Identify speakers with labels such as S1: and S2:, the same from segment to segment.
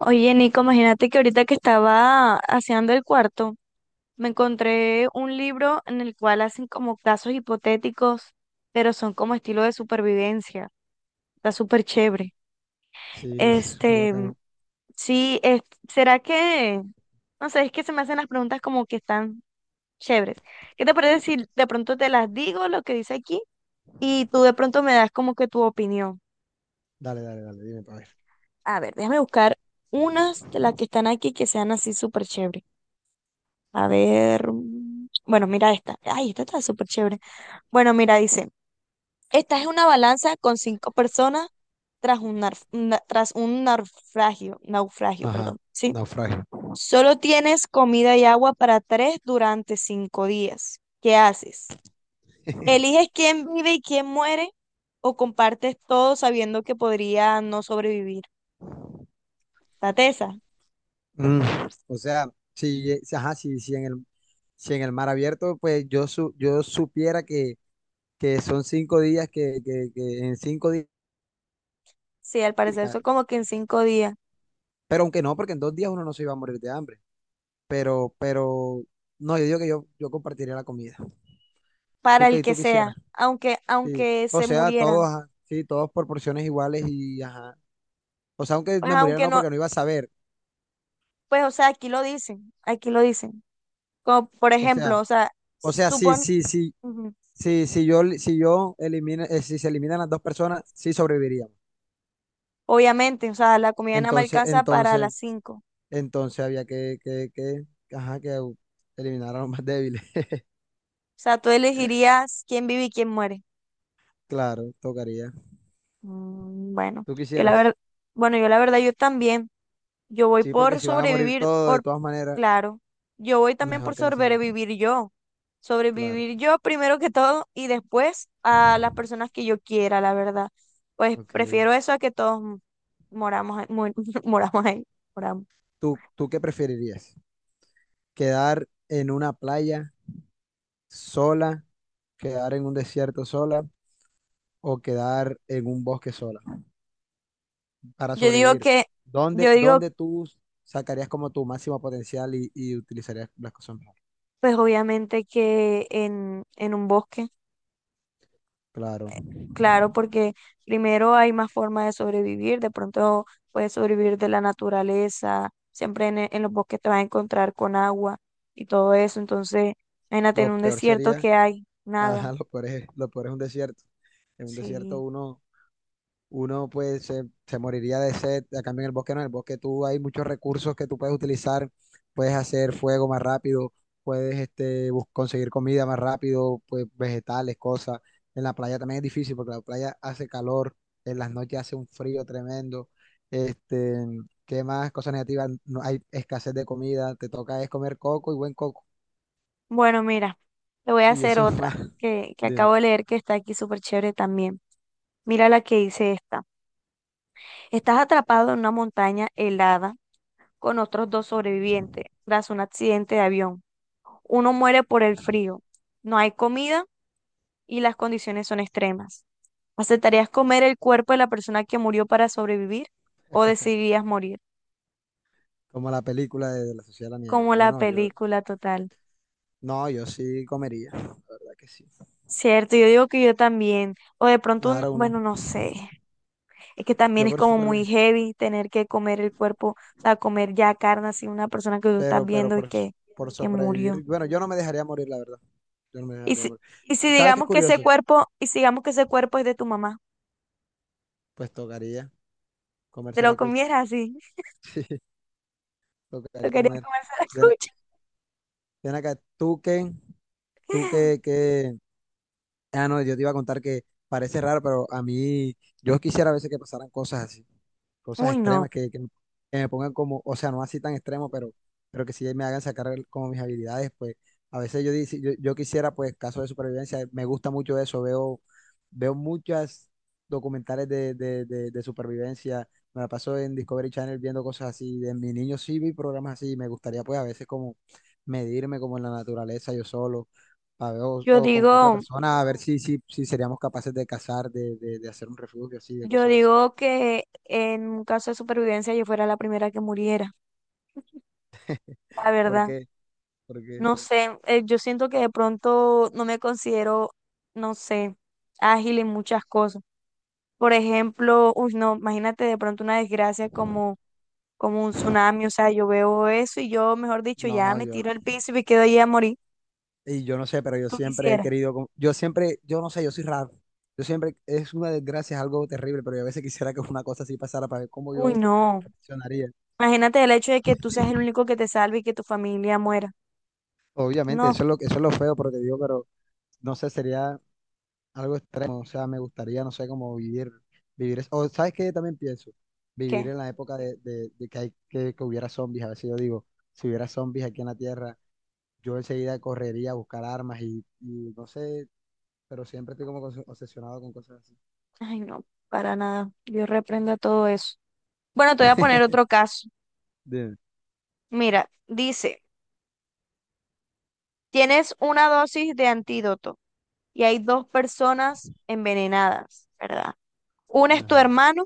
S1: Oye, Nico, imagínate que ahorita que estaba haciendo el cuarto, me encontré un libro en el cual hacen como casos hipotéticos, pero son como estilo de supervivencia. Está súper chévere.
S2: Sí, súper
S1: Este,
S2: bacano.
S1: sí, ¿será que, no sé, es que se me hacen las preguntas como que están chéveres. ¿Qué te parece si de pronto te las digo lo que dice aquí y tú de pronto me das como que tu opinión?
S2: Dale, dale, dale, dime para ver.
S1: A ver, déjame buscar unas de las que están aquí que sean así súper chéveres. A ver, bueno, mira esta. Ay, esta está súper chévere. Bueno, mira, dice, esta es una balanza con cinco personas tras un naufragio,
S2: Ajá,
S1: perdón, ¿sí?
S2: naufragio.
S1: Solo tienes comida y agua para tres durante 5 días. ¿Qué haces? ¿Eliges quién vive y quién muere o compartes todo sabiendo que podría no sobrevivir? La tesa.
S2: Mm, ajá, si en el mar abierto, pues yo supiera que, son 5 días que en 5 días.
S1: Sí, al parecer eso
S2: Pescar.
S1: como que en 5 días,
S2: Pero aunque no, porque en 2 días uno no se iba a morir de hambre. Pero, pero, no, yo digo que yo compartiría la comida.
S1: para
S2: ¿Tú
S1: el
S2: qué
S1: que
S2: tú
S1: sea,
S2: quisieras?
S1: aunque,
S2: Sí.
S1: aunque
S2: O
S1: se
S2: sea, todos,
S1: murieran.
S2: ajá, sí, todos por porciones iguales y ajá. O sea, aunque
S1: Pues,
S2: me muriera
S1: aunque
S2: no,
S1: no,
S2: porque no iba a saber.
S1: pues, o sea, aquí lo dicen, aquí lo dicen. Como, por
S2: O sea.
S1: ejemplo, o sea,
S2: O sea, sí,
S1: supon,
S2: sí, sí.
S1: ujú,
S2: Si yo si se eliminan las dos personas, sí sobreviviríamos.
S1: obviamente, o sea, la comida nada más
S2: Entonces,
S1: alcanza para
S2: entonces,
S1: las cinco.
S2: entonces había ajá, eliminar a los más débiles.
S1: O sea, tú elegirías quién vive y quién muere.
S2: Claro, tocaría.
S1: Mm,
S2: Tú
S1: yo la
S2: quisieras.
S1: verdad, bueno, yo la verdad, yo también, yo voy
S2: Sí, porque
S1: por
S2: si van a morir
S1: sobrevivir,
S2: todos, de
S1: por,
S2: todas maneras,
S1: claro, yo voy también
S2: mejor
S1: por
S2: que se salven.
S1: sobrevivir yo.
S2: Claro,
S1: Sobrevivir yo primero que todo y después a las personas que yo quiera, la verdad. Pues
S2: ok.
S1: prefiero eso a que todos moramos ahí, moramos ahí, moramos.
S2: ¿Tú qué preferirías? ¿Quedar en una playa sola? ¿Quedar en un desierto sola? ¿O quedar en un bosque sola? Para
S1: Yo digo
S2: sobrevivir,
S1: que, yo
S2: ¿dónde,
S1: digo,
S2: dónde tú sacarías como tu máximo potencial y utilizarías las cosas mejor?
S1: pues obviamente que en un bosque,
S2: Claro.
S1: claro, porque primero hay más formas de sobrevivir, de pronto puedes sobrevivir de la naturaleza, siempre en los bosques te vas a encontrar con agua y todo eso, entonces, imagínate en
S2: Lo
S1: un
S2: peor
S1: desierto
S2: sería,
S1: que hay
S2: ajá,
S1: nada,
S2: lo peor es un desierto. En un desierto
S1: sí.
S2: uno pues se moriría de sed, a cambio en el bosque no, en el bosque tú hay muchos recursos que tú puedes utilizar, puedes hacer fuego más rápido, puedes conseguir comida más rápido, pues vegetales, cosas. En la playa también es difícil porque la playa hace calor, en las noches hace un frío tremendo, este, ¿qué más? Cosas negativas, no hay escasez de comida, te toca es comer coco y buen coco,
S1: Bueno, mira, te voy a
S2: y
S1: hacer
S2: eso es
S1: otra
S2: más
S1: que
S2: de,
S1: acabo de leer que está aquí súper chévere también. Mira la que dice esta. Estás atrapado en una montaña helada con otros dos sobrevivientes tras un accidente de avión. Uno muere por el frío. No hay comida y las condiciones son extremas. ¿Aceptarías comer el cuerpo de la persona que murió para sobrevivir o decidirías morir?
S2: como la película de, la Sociedad de la Nieve.
S1: Como la película total.
S2: No, yo sí comería, la verdad que sí.
S1: Cierto, yo digo que yo también. O de pronto,
S2: Ahora uno.
S1: bueno, no sé. Es que también
S2: Yo
S1: es
S2: por
S1: como muy
S2: supervivir,
S1: heavy tener que comer el cuerpo, o sea, comer ya carne así, una persona que tú estás
S2: pero, pero
S1: viendo y
S2: por,
S1: que,
S2: por
S1: que murió.
S2: sobrevivir. Bueno, yo no me dejaría morir, la verdad. Yo no me
S1: Y
S2: dejaría
S1: si,
S2: morir. ¿Sabes qué es curioso?
S1: y si digamos que ese cuerpo es de tu mamá,
S2: Pues tocaría
S1: te
S2: comerse
S1: lo
S2: la cucha.
S1: comieras así,
S2: Sí,
S1: lo
S2: tocaría
S1: quería
S2: comer.
S1: comer a la
S2: Ven, a-
S1: cucha.
S2: ven acá, tú qué tú qué qué Ah, no, yo te iba a contar que parece raro, pero a mí, yo quisiera a veces que pasaran cosas así, cosas
S1: Uy, no.
S2: extremas que me pongan como, o sea, no así tan extremo, pero que sí me hagan sacar como mis habilidades. Pues a veces yo quisiera, pues, casos de supervivencia. Me gusta mucho eso. Veo muchas documentales de supervivencia. Me la paso en Discovery Channel viendo cosas así. De mi niño sí vi programas así. Me gustaría pues a veces como medirme como en la naturaleza yo solo. A ver,
S1: Yo
S2: o con otra
S1: digo,
S2: persona, a ver si seríamos capaces de cazar, de hacer un refugio así, de
S1: yo
S2: cosas así.
S1: digo que en un caso de supervivencia yo fuera la primera que muriera, la
S2: ¿Por
S1: verdad.
S2: qué? ¿Por qué?
S1: No sé, yo siento que de pronto no me considero, no sé, ágil en muchas cosas. Por ejemplo, uy, no, imagínate de pronto una desgracia como, un tsunami, o sea, yo veo eso y yo, mejor dicho, ya
S2: No,
S1: me tiro al piso y me quedo ahí a morir.
S2: y yo no sé, pero yo
S1: Tú
S2: siempre he
S1: quisieras.
S2: querido, yo no sé, yo soy raro. Yo siempre, es una desgracia, es algo terrible, pero yo a veces quisiera que una cosa así pasara para ver cómo yo
S1: Uy, no.
S2: reaccionaría.
S1: Imagínate el hecho de que tú seas el único que te salve y que tu familia muera.
S2: Obviamente,
S1: No,
S2: eso es lo feo, pero te digo, pero no sé, sería algo extremo. O sea, me gustaría, no sé, como vivir eso. O, ¿sabes qué? Yo también pienso, vivir
S1: ¿qué?
S2: en la época de que, hay, que hubiera zombies. A veces yo digo, si hubiera zombies aquí en la Tierra, yo enseguida correría a buscar armas y no sé, pero siempre estoy como obsesionado con cosas así.
S1: Ay, no, para nada. Dios reprenda todo eso. Bueno, te voy a poner otro caso.
S2: De-
S1: Mira, dice, tienes una dosis de antídoto y hay dos personas envenenadas, ¿verdad? Una es tu
S2: ajá.
S1: hermano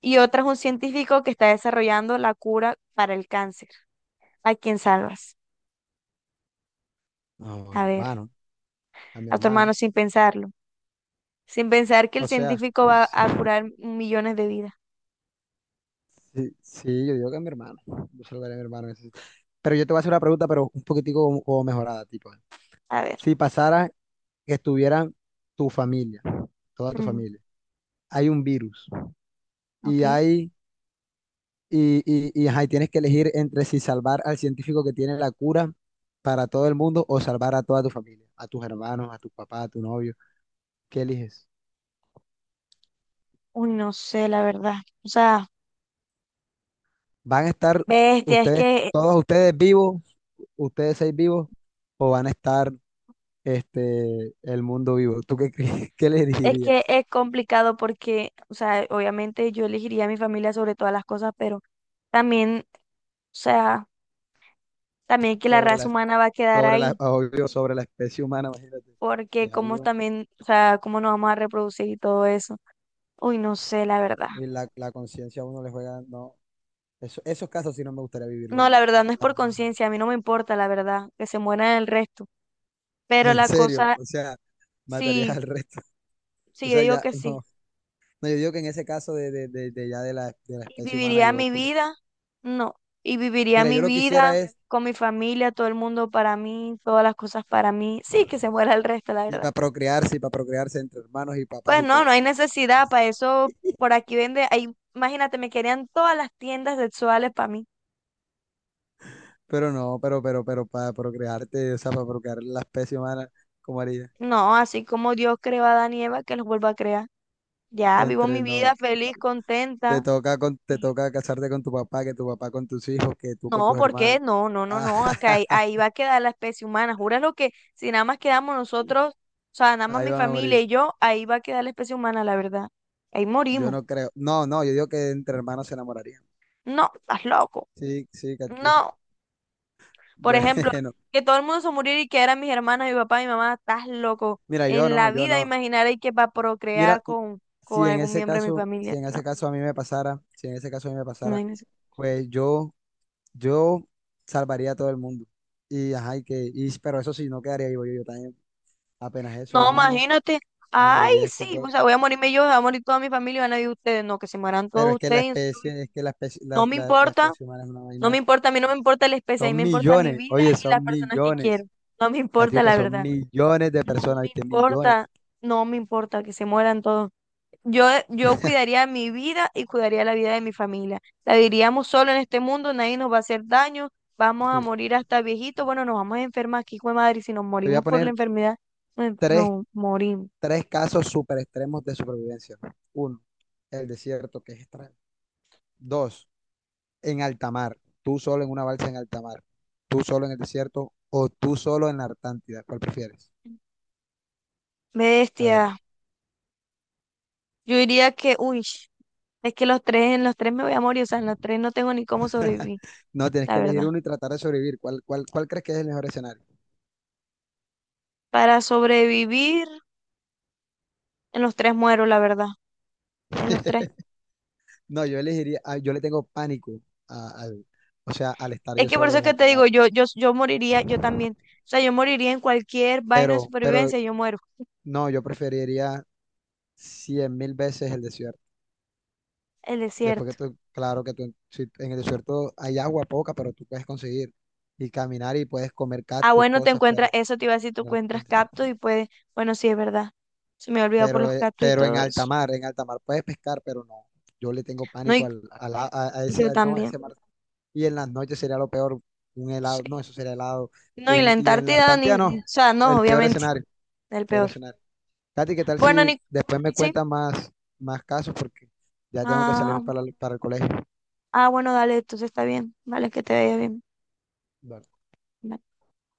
S1: y otra es un científico que está desarrollando la cura para el cáncer. ¿A quién salvas?
S2: No, a
S1: A
S2: mi
S1: ver,
S2: hermano, a mi
S1: a tu
S2: hermano.
S1: hermano sin pensarlo. Sin pensar que el
S2: O sea,
S1: científico va
S2: sí,
S1: a curar millones de vidas.
S2: sí, sí, yo digo que a mi hermano. Yo se lo daría a mi hermano. Ese sí. Pero yo te voy a hacer una pregunta, pero un poquitico como mejorada, tipo.
S1: A ver,
S2: Si pasara que estuviera tu familia, toda tu
S1: mm,
S2: familia, hay un virus y
S1: ok.
S2: hay, y, ajá, y tienes que elegir entre si salvar al científico que tiene la cura para todo el mundo o salvar a toda tu familia, a tus hermanos, a tu papá, a tu novio. ¿Qué eliges?
S1: Uy, no sé, la verdad. O sea,
S2: ¿Van a estar
S1: bestia, es
S2: ustedes,
S1: que
S2: todos ustedes vivos, ustedes seis vivos, o van a estar el mundo vivo? ¿Tú qué, qué le
S1: es que
S2: dirías
S1: es complicado porque, o sea, obviamente yo elegiría a mi familia sobre todas las cosas, pero también, o sea, también que la
S2: sobre
S1: raza
S2: la,
S1: humana va a quedar
S2: sobre la,
S1: ahí,
S2: obvio, sobre la especie humana? Imagínate,
S1: porque
S2: es
S1: como
S2: algo,
S1: también, o sea, cómo nos vamos a reproducir y todo eso. Uy, no sé, la verdad.
S2: y la conciencia a uno le juega, no, esos casos sí no me gustaría vivirlo a
S1: No, la
S2: mí,
S1: verdad no es por
S2: para nada.
S1: conciencia, a mí no me importa, la verdad, que se mueran el resto. Pero
S2: En
S1: la
S2: serio,
S1: cosa,
S2: o sea, matarías
S1: sí,
S2: al resto.
S1: sí,
S2: O
S1: yo
S2: sea,
S1: digo
S2: ya,
S1: que
S2: no,
S1: sí.
S2: no, yo digo que en ese caso de ya de la
S1: Y
S2: especie humana,
S1: viviría
S2: yo
S1: mi
S2: pues,
S1: vida, no. Y viviría
S2: mira,
S1: mi
S2: yo lo que
S1: vida
S2: quisiera es
S1: con mi familia, todo el mundo para mí, todas las cosas para mí. Sí, que se muera el resto, la verdad.
S2: Y para procrearse entre hermanos y papás
S1: Pues
S2: y
S1: no,
S2: todo.
S1: no hay necesidad para eso. Por aquí vende, ahí, imagínate, me querían todas las tiendas sexuales para mí.
S2: Pero no, pero para procrearte, o sea, para procrear la especie humana, ¿cómo haría?
S1: No, así como Dios creó a Adán y Eva, que los vuelva a crear. Ya, vivo
S2: Entre
S1: mi
S2: no,
S1: vida feliz, contenta.
S2: te toca casarte con tu papá, que tu papá con tus hijos, que tú con
S1: No,
S2: tus
S1: ¿por qué?
S2: hermanos.
S1: No, no, no,
S2: Ah,
S1: no. Acá ahí, ahí va a quedar la especie humana. Júralo que si nada más quedamos nosotros, o sea, nada más
S2: ahí
S1: mi
S2: van a
S1: familia
S2: morir.
S1: y yo, ahí va a quedar la especie humana, la verdad. Ahí
S2: Yo
S1: morimos.
S2: no creo. No, no, yo digo que entre hermanos se enamorarían.
S1: No, estás loco.
S2: Sí, sí, Catiuca.
S1: No. Por ejemplo,
S2: Bueno,
S1: que todo el mundo se muriera y que eran mis hermanas, mi papá, mi mamá, estás loco.
S2: mira, yo
S1: En
S2: no,
S1: la
S2: yo
S1: vida
S2: no.
S1: imaginaré que va a
S2: Mira,
S1: procrear con, con algún miembro de mi
S2: si
S1: familia.
S2: en
S1: No,
S2: ese caso a mí me pasara, si en ese caso a mí me pasara,
S1: imagínense.
S2: pues yo Yo salvaría a todo el mundo. Pero eso sí, no quedaría vivo yo, yo también. Apenas eso ahí
S1: No,
S2: mismo,
S1: imagínate.
S2: me
S1: Ay,
S2: moriría de
S1: sí,
S2: escuco.
S1: o sea, voy a morirme yo, va a morir toda mi familia y van a vivir ustedes. No, que se mueran
S2: Pero
S1: todos
S2: es que la
S1: ustedes.
S2: especie, es que la especie,
S1: No me
S2: la
S1: importa.
S2: especie humana es una
S1: No me
S2: vaina.
S1: importa, a mí no me importa la especie, a mí
S2: Son
S1: me importa mi
S2: millones,
S1: vida
S2: oye,
S1: y las
S2: son
S1: personas que quiero.
S2: millones.
S1: No me
S2: Ya te
S1: importa,
S2: digo que
S1: la
S2: son
S1: verdad.
S2: millones de
S1: No
S2: personas,
S1: me
S2: ¿viste? Millones.
S1: importa, no me importa que se mueran todos. Yo cuidaría mi vida y cuidaría la vida de mi familia. La viviríamos solo en este mundo, nadie nos va a hacer daño, vamos a
S2: Mira,
S1: morir hasta viejitos. Bueno, nos vamos a enfermar aquí, hijo de madre, y si nos
S2: te voy a
S1: morimos por la
S2: poner
S1: enfermedad, nos,
S2: tres,
S1: nos morimos.
S2: tres casos super extremos de supervivencia. Uno, el desierto, que es extremo. Dos, en alta mar, tú solo en una balsa en alta mar, tú solo en el desierto o tú solo en la Antártida. ¿Cuál prefieres? A ver,
S1: Bestia, yo diría que, uy, es que los tres, en los tres me voy a morir, o sea, en los tres no tengo ni cómo sobrevivir,
S2: no, tienes
S1: la
S2: que
S1: verdad.
S2: elegir uno y tratar de sobrevivir. Cuál crees que es el mejor escenario?
S1: Para sobrevivir en los tres muero, la verdad, en los tres.
S2: No, yo elegiría, ah, yo le tengo pánico al, o sea, al estar
S1: Es
S2: yo
S1: que por
S2: solo
S1: eso
S2: en
S1: que te
S2: alta mar.
S1: digo, yo moriría, yo también. O sea, yo moriría en cualquier vaina de
S2: Pero
S1: supervivencia, yo muero.
S2: no, yo preferiría cien mil veces el desierto.
S1: El
S2: Después que
S1: desierto.
S2: tú, claro que tú, si en el desierto hay agua poca, pero tú puedes conseguir y caminar y puedes comer
S1: Ah,
S2: tus
S1: bueno, te
S2: cosas,
S1: encuentras,
S2: pero
S1: eso te iba a decir, tú
S2: no-
S1: encuentras cactus y puedes, bueno, sí, es verdad. Se me ha olvidado por los cactus y
S2: pero
S1: todo eso.
S2: en alta mar puedes pescar, pero no. Yo le tengo
S1: No,
S2: pánico
S1: y
S2: a ese,
S1: yo
S2: no, a ese
S1: también,
S2: mar. Y en las noches sería lo peor, un helado, no,
S1: sí.
S2: eso sería helado.
S1: No, y la
S2: Y en la
S1: Antártida, ni,
S2: Antártida no,
S1: o sea, no,
S2: el peor
S1: obviamente,
S2: escenario,
S1: el
S2: peor
S1: peor.
S2: escenario. Katy, ¿qué tal
S1: Bueno,
S2: si
S1: ni,
S2: después me
S1: sí.
S2: cuentas más, más casos? Porque ya tengo que salir
S1: Ah,
S2: para, para el colegio.
S1: ah, bueno, dale, entonces está bien. Vale, que te vaya bien.
S2: Dale.
S1: Bye.